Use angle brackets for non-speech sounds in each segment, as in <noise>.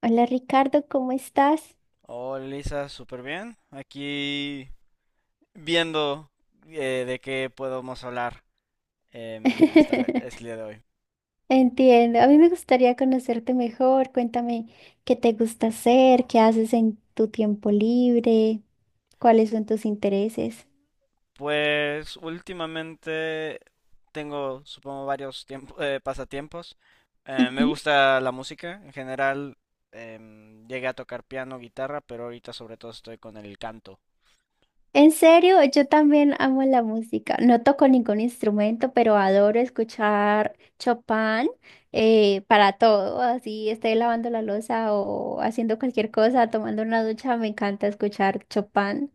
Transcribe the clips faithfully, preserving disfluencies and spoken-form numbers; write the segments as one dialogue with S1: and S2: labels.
S1: Hola Ricardo, ¿cómo estás?
S2: Hola Lisa, súper bien. Aquí viendo eh, de qué podemos hablar em, esta vez,
S1: <laughs>
S2: este día de hoy.
S1: Entiendo, a mí me gustaría conocerte mejor. Cuéntame qué te gusta hacer, qué haces en tu tiempo libre, cuáles son tus intereses.
S2: Pues últimamente tengo, supongo, varios tiempo- <laughs> eh, pasatiempos. Eh, me
S1: Ujú.
S2: gusta la música en general. Em, llegué a tocar piano, guitarra, pero ahorita sobre todo estoy con el canto.
S1: En serio, yo también amo la música. No toco ningún instrumento, pero adoro escuchar Chopin eh, para todo. Así esté lavando la loza o haciendo cualquier cosa, tomando una ducha, me encanta escuchar Chopin.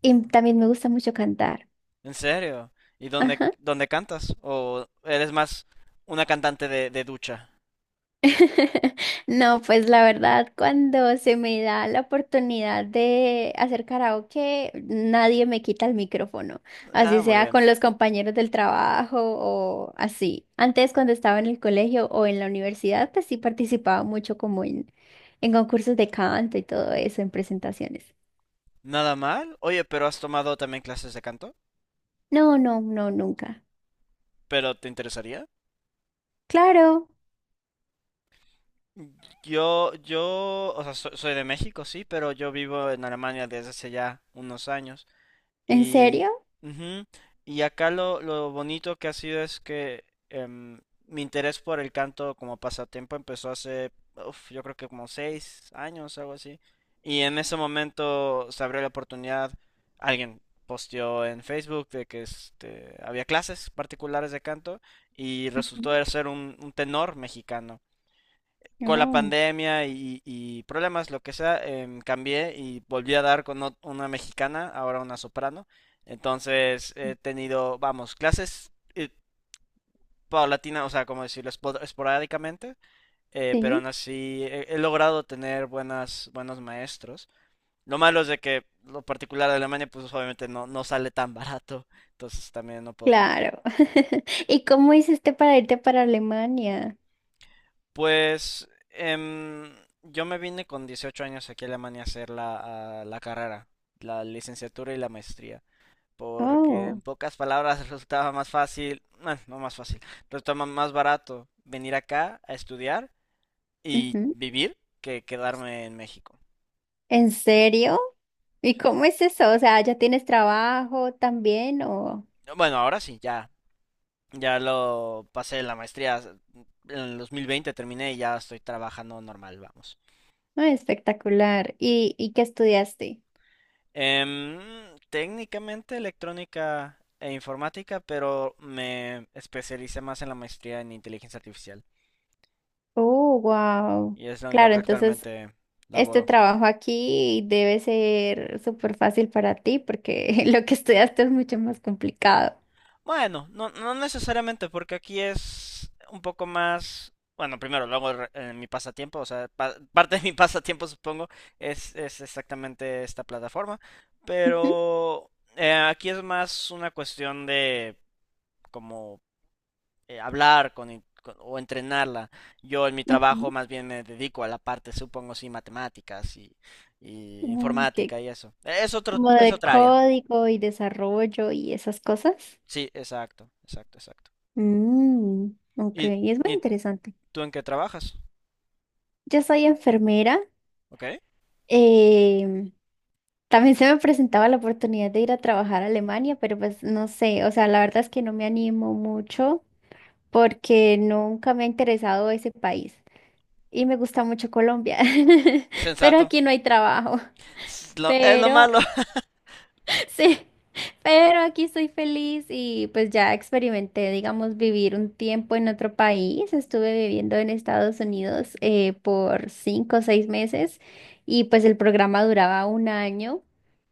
S1: Y también me gusta mucho cantar.
S2: ¿En serio? ¿Y dónde,
S1: Ajá.
S2: dónde cantas? ¿O eres más una cantante de, de ducha?
S1: <laughs> No, pues la verdad, cuando se me da la oportunidad de hacer karaoke, nadie me quita el micrófono,
S2: Ah,
S1: así
S2: muy
S1: sea
S2: bien.
S1: con los compañeros del trabajo o así. Antes, cuando estaba en el colegio o en la universidad, pues sí participaba mucho como en, en concursos de canto y todo eso, en presentaciones.
S2: Nada mal. Oye, pero has tomado también clases de canto,
S1: No, no, no, nunca.
S2: pero ¿te interesaría?
S1: Claro,
S2: Yo, yo, o sea, so- soy de México, sí, pero yo vivo en Alemania desde hace ya unos años.
S1: ¿en
S2: Y,
S1: serio?
S2: ujú, y acá lo, lo bonito que ha sido es que em, mi interés por el canto como pasatiempo empezó hace, uf, yo creo que como seis años, algo así. Y en ese momento se abrió la oportunidad, alguien posteó en Facebook de que este, había clases particulares de canto y resultó
S1: Ujú.
S2: de ser un, un tenor mexicano con la
S1: No,
S2: pandemia y, y problemas, lo que sea, em, cambié y volví a dar con ot- una mexicana, ahora una soprano. Entonces he tenido, vamos, clases eh, paulatinas, o sea, como decirlo, Espo- esporádicamente, eh, pero
S1: sí,
S2: aún así he, he logrado tener buenas, buenos maestros. Lo malo es de que lo particular de Alemania, pues obviamente no, no sale tan barato, entonces también no puedo tomar.
S1: claro. <laughs> ¿Y cómo hiciste para irte para Alemania?
S2: Pues em, yo me vine con dieciocho años aquí a Alemania a hacer la, a la carrera, la licenciatura y la maestría, porque en
S1: Oh,
S2: pocas palabras <laughs> resultaba más fácil, bueno, no más fácil, resultaba más barato venir acá a estudiar y
S1: ujú.
S2: vivir que quedarme en México.
S1: ¿En serio? ¿Y cómo es eso? O sea, ¿ya tienes trabajo también o...?
S2: Bueno, ahora sí, ya, ya lo pasé la maestría, en el dos mil veinte terminé y ya estoy trabajando normal, vamos.
S1: Ay, espectacular. ¿Y, y qué estudiaste?
S2: Em, técnicamente electrónica e informática, pero me especialicé más en la maestría en inteligencia artificial
S1: Oh, wow.
S2: y es en lo
S1: Claro,
S2: que
S1: entonces
S2: actualmente
S1: este
S2: laboro.
S1: trabajo aquí debe ser súper fácil para ti porque <laughs> lo que estudiaste es mucho más complicado.
S2: Bueno, no, no necesariamente, porque aquí es un poco más... Bueno, primero, luego re- en mi pasatiempo, o sea, pa- <laughs> parte de mi pasatiempo supongo es, es exactamente esta plataforma,
S1: Ujú,
S2: pero eh, aquí es más una cuestión de como eh, hablar con, con- o entrenarla. Yo en mi trabajo
S1: ujú.
S2: más bien me dedico a la parte, supongo, sí, matemáticas y, y
S1: Mm, ¿qué?
S2: informática y eso. Eh, Es otro,
S1: Como
S2: es
S1: de
S2: otra área.
S1: código y desarrollo y esas cosas.
S2: Sí, exacto, exacto, exacto.
S1: Mm, ok,
S2: ¿Y,
S1: es muy
S2: y
S1: interesante.
S2: tú en qué trabajas?
S1: Yo soy enfermera.
S2: ¿Ok?
S1: Eh, también se me presentaba la oportunidad de ir a trabajar a Alemania, pero pues no sé, o sea, la verdad es que no me animo mucho porque nunca me ha interesado ese país y me gusta mucho Colombia, <laughs> pero
S2: Sensato.
S1: aquí no hay trabajo.
S2: Es lo, es lo
S1: Pero
S2: malo. <laughs>
S1: <laughs> sí, pero aquí estoy feliz y pues ya experimenté, digamos, vivir un tiempo en otro país. Estuve viviendo en Estados Unidos eh, por cinco o seis meses y pues el programa duraba un año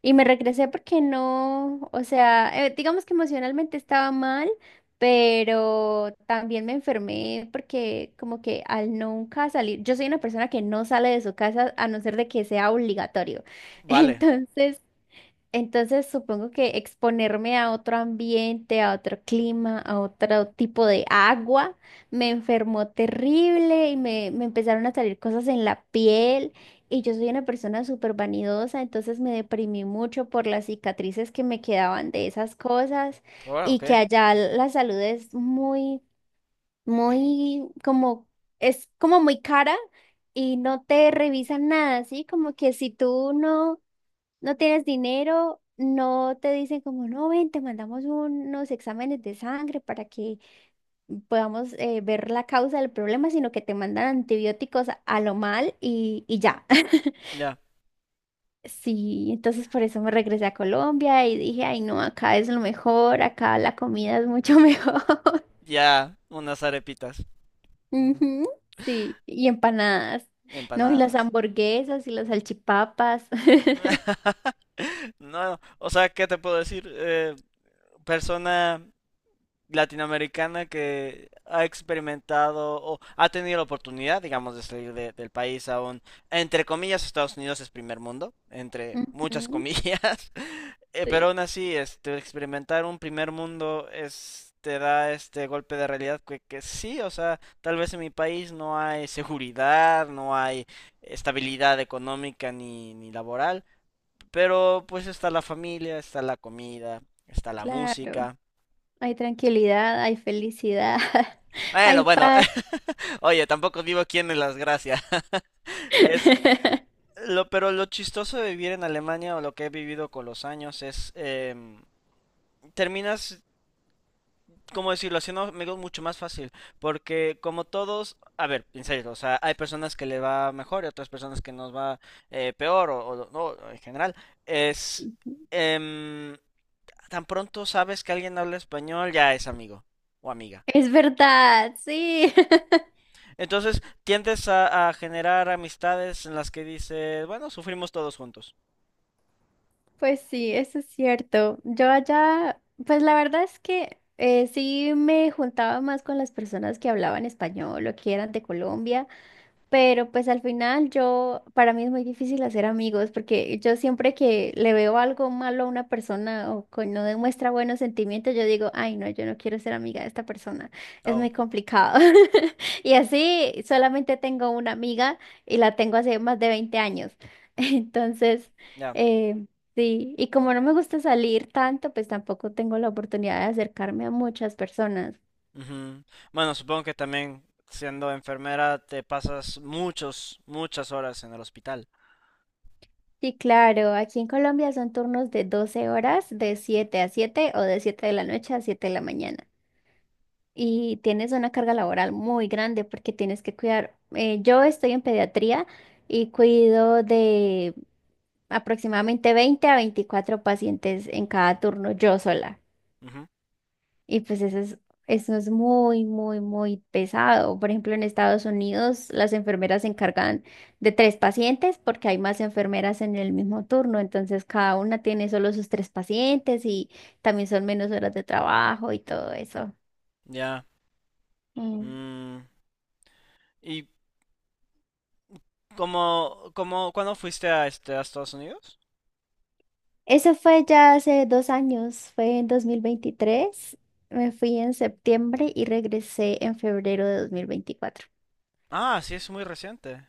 S1: y me regresé porque no, o sea, eh, digamos que emocionalmente estaba mal. Pero también me enfermé porque como que al nunca salir, yo soy una persona que no sale de su casa a no ser de que sea obligatorio. <laughs>
S2: Vale.
S1: Entonces, entonces supongo que exponerme a otro ambiente, a otro clima, a otro tipo de agua, me enfermó terrible y me, me empezaron a salir cosas en la piel y yo soy una persona súper vanidosa, entonces me deprimí mucho por las cicatrices que me quedaban de esas cosas
S2: Ahora,
S1: y
S2: ok.
S1: que allá la salud es muy, muy como, es como muy cara y no te revisan nada, así como que si tú no no tienes dinero, no te dicen como, no, ven, te mandamos unos exámenes de sangre para que podamos eh, ver la causa del problema, sino que te mandan antibióticos a a lo mal y, y ya. <laughs>
S2: Ya.
S1: Sí, entonces por eso me regresé a Colombia y dije, ay, no, acá es lo mejor, acá la comida es mucho mejor.
S2: Ya, unas arepitas,
S1: <laughs> Ujú, sí, y empanadas, no, y las
S2: empanadas.
S1: hamburguesas y las salchipapas. <laughs>
S2: <laughs> No, o sea, ¿qué te puedo decir? Eh, persona latinoamericana que ha experimentado o ha tenido la oportunidad, digamos, de salir de- del país a un, entre comillas, Estados Unidos es primer mundo, entre muchas
S1: Ujú,
S2: comillas, <laughs> eh, pero
S1: sí,
S2: aún así, este, experimentar un primer mundo es, te da este golpe de realidad que, que sí, o sea, tal vez en mi país no hay seguridad, no hay estabilidad económica ni, ni laboral, pero pues está la familia, está la comida, está la
S1: claro.
S2: música.
S1: Hay tranquilidad, hay felicidad, <laughs>
S2: Bueno,
S1: hay
S2: bueno,
S1: paz.
S2: oye, tampoco vivo aquí en Las Gracias. <laughs> Es
S1: <laughs>
S2: lo, pero lo chistoso de vivir en Alemania o lo que he vivido con los años es em, terminas, ¿cómo decirlo? Haciendo amigos mucho más fácil. Porque como todos, a ver, en serio, o sea, hay personas que le va mejor y otras personas que nos va eh, peor o, o no, en general. Es em, tan pronto sabes que alguien habla español, ya es amigo o amiga.
S1: Es verdad, sí. <laughs>
S2: Entonces tiendes a, a generar amistades en las que dices, bueno, sufrimos todos juntos.
S1: Pues sí, eso es cierto. Yo allá, pues la verdad es que eh, sí me juntaba más con las personas que hablaban español o que eran de Colombia. Pero pues al final yo, para mí es muy difícil hacer amigos porque yo siempre que le veo algo malo a una persona o que no demuestra buenos sentimientos, yo digo, ay no, yo no quiero ser amiga de esta persona, es
S2: Oh,
S1: muy complicado. <laughs> Y así solamente tengo una amiga y la tengo hace más de veinte años. <laughs> Entonces,
S2: ya.
S1: eh, sí, y como no me gusta salir tanto, pues tampoco tengo la oportunidad de acercarme a muchas personas.
S2: Ujú. Bueno, supongo que también siendo enfermera te pasas muchos, muchas horas en el hospital.
S1: Sí, claro, aquí en Colombia son turnos de doce horas, de siete a siete o de siete de la noche a siete de la mañana. Y tienes una carga laboral muy grande porque tienes que cuidar. Eh, yo estoy en pediatría y cuido de aproximadamente veinte a veinticuatro pacientes en cada turno, yo sola.
S2: Ujú,
S1: Y pues eso es, eso es muy, muy, muy pesado. Por ejemplo, en Estados Unidos las enfermeras se encargan de tres pacientes porque hay más enfermeras en el mismo turno. Entonces cada una tiene solo sus tres pacientes y también son menos horas de trabajo y todo eso.
S2: ya.
S1: Mm.
S2: Mm, ¿y cómo, cómo, cuándo fuiste a este, a Estados Unidos?
S1: Eso fue ya hace dos años, fue en dos mil veintitrés. Me fui en septiembre y regresé en febrero de dos mil veinticuatro.
S2: Ah, sí, es muy reciente.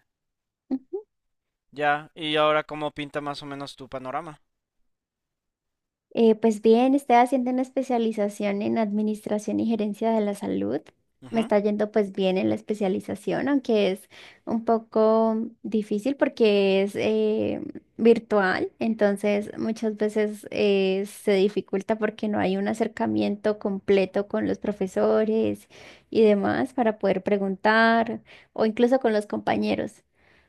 S2: Ya. ¿Y ahora cómo pinta más o menos tu panorama?
S1: Eh, pues bien, estoy haciendo una especialización en administración y gerencia de la salud. Me
S2: Ujú,
S1: está yendo pues bien en la especialización, aunque es un poco difícil porque es eh, virtual, entonces muchas veces eh, se dificulta porque no hay un acercamiento completo con los profesores y demás para poder preguntar o incluso con los compañeros.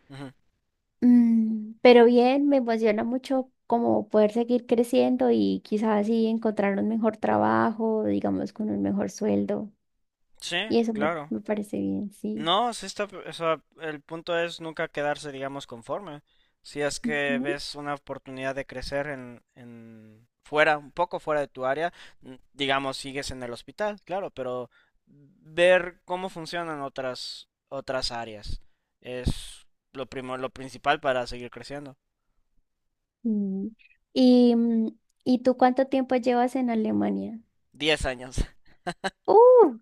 S2: ujú.
S1: Mm, pero bien, me emociona mucho como poder seguir creciendo y quizás así encontrar un mejor trabajo, digamos, con un mejor sueldo.
S2: Sí,
S1: Y eso me,
S2: claro.
S1: me parece bien, sí.
S2: No, sí está, o sea, el punto es nunca quedarse, digamos, conforme. Si es que
S1: Ujú.
S2: ves una oportunidad de crecer en, en fuera, un poco fuera de tu área, n- digamos, sigues en el hospital, claro, pero ver cómo funcionan otras otras áreas es lo primo, lo principal para seguir creciendo.
S1: Mm. ¿Y, mm, ¿y tú cuánto tiempo llevas en Alemania?
S2: Diez años.
S1: ¡Uh!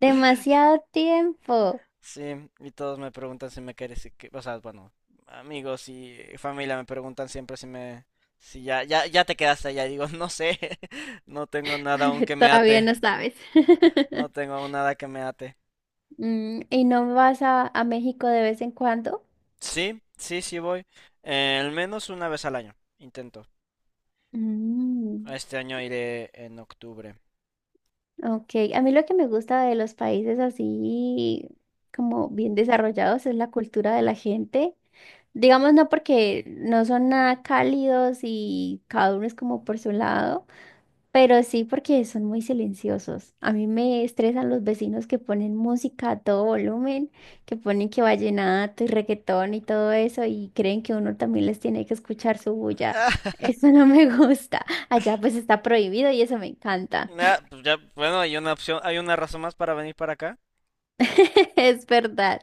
S1: Demasiado tiempo.
S2: Sí, y todos me preguntan si me quieres, y que- o sea, bueno, amigos y familia me preguntan siempre si me, si ya, ya, ya te quedaste allá. Y digo, no sé, <laughs> no tengo nada aún que
S1: <laughs>
S2: me
S1: Todavía
S2: ate,
S1: no sabes.
S2: no
S1: <laughs>
S2: tengo aún nada que me ate.
S1: Mm, ¿y no vas a, a México de vez en cuando?
S2: Sí, sí, sí voy, eh, al menos una vez al año, intento.
S1: Mm.
S2: Este año iré en octubre.
S1: Ok, a mí lo que me gusta de los países así como bien desarrollados es la cultura de la gente. Digamos, no porque no son nada cálidos y cada uno es como por su lado, pero sí porque son muy silenciosos. A mí me estresan los vecinos que ponen música a todo volumen, que ponen que vallenato y reggaetón y todo eso y creen que uno también les tiene que escuchar su bulla. <laughs>
S2: <laughs>
S1: Eso no me gusta. Allá pues está prohibido y eso me encanta.
S2: Ah, pues ya, bueno, hay una opción, hay una razón más para venir para acá.
S1: <laughs> Es verdad.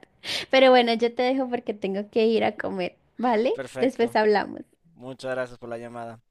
S1: Pero bueno, yo te dejo porque tengo que ir a comer, ¿vale? Después
S2: Perfecto,
S1: hablamos.
S2: muchas gracias por la llamada.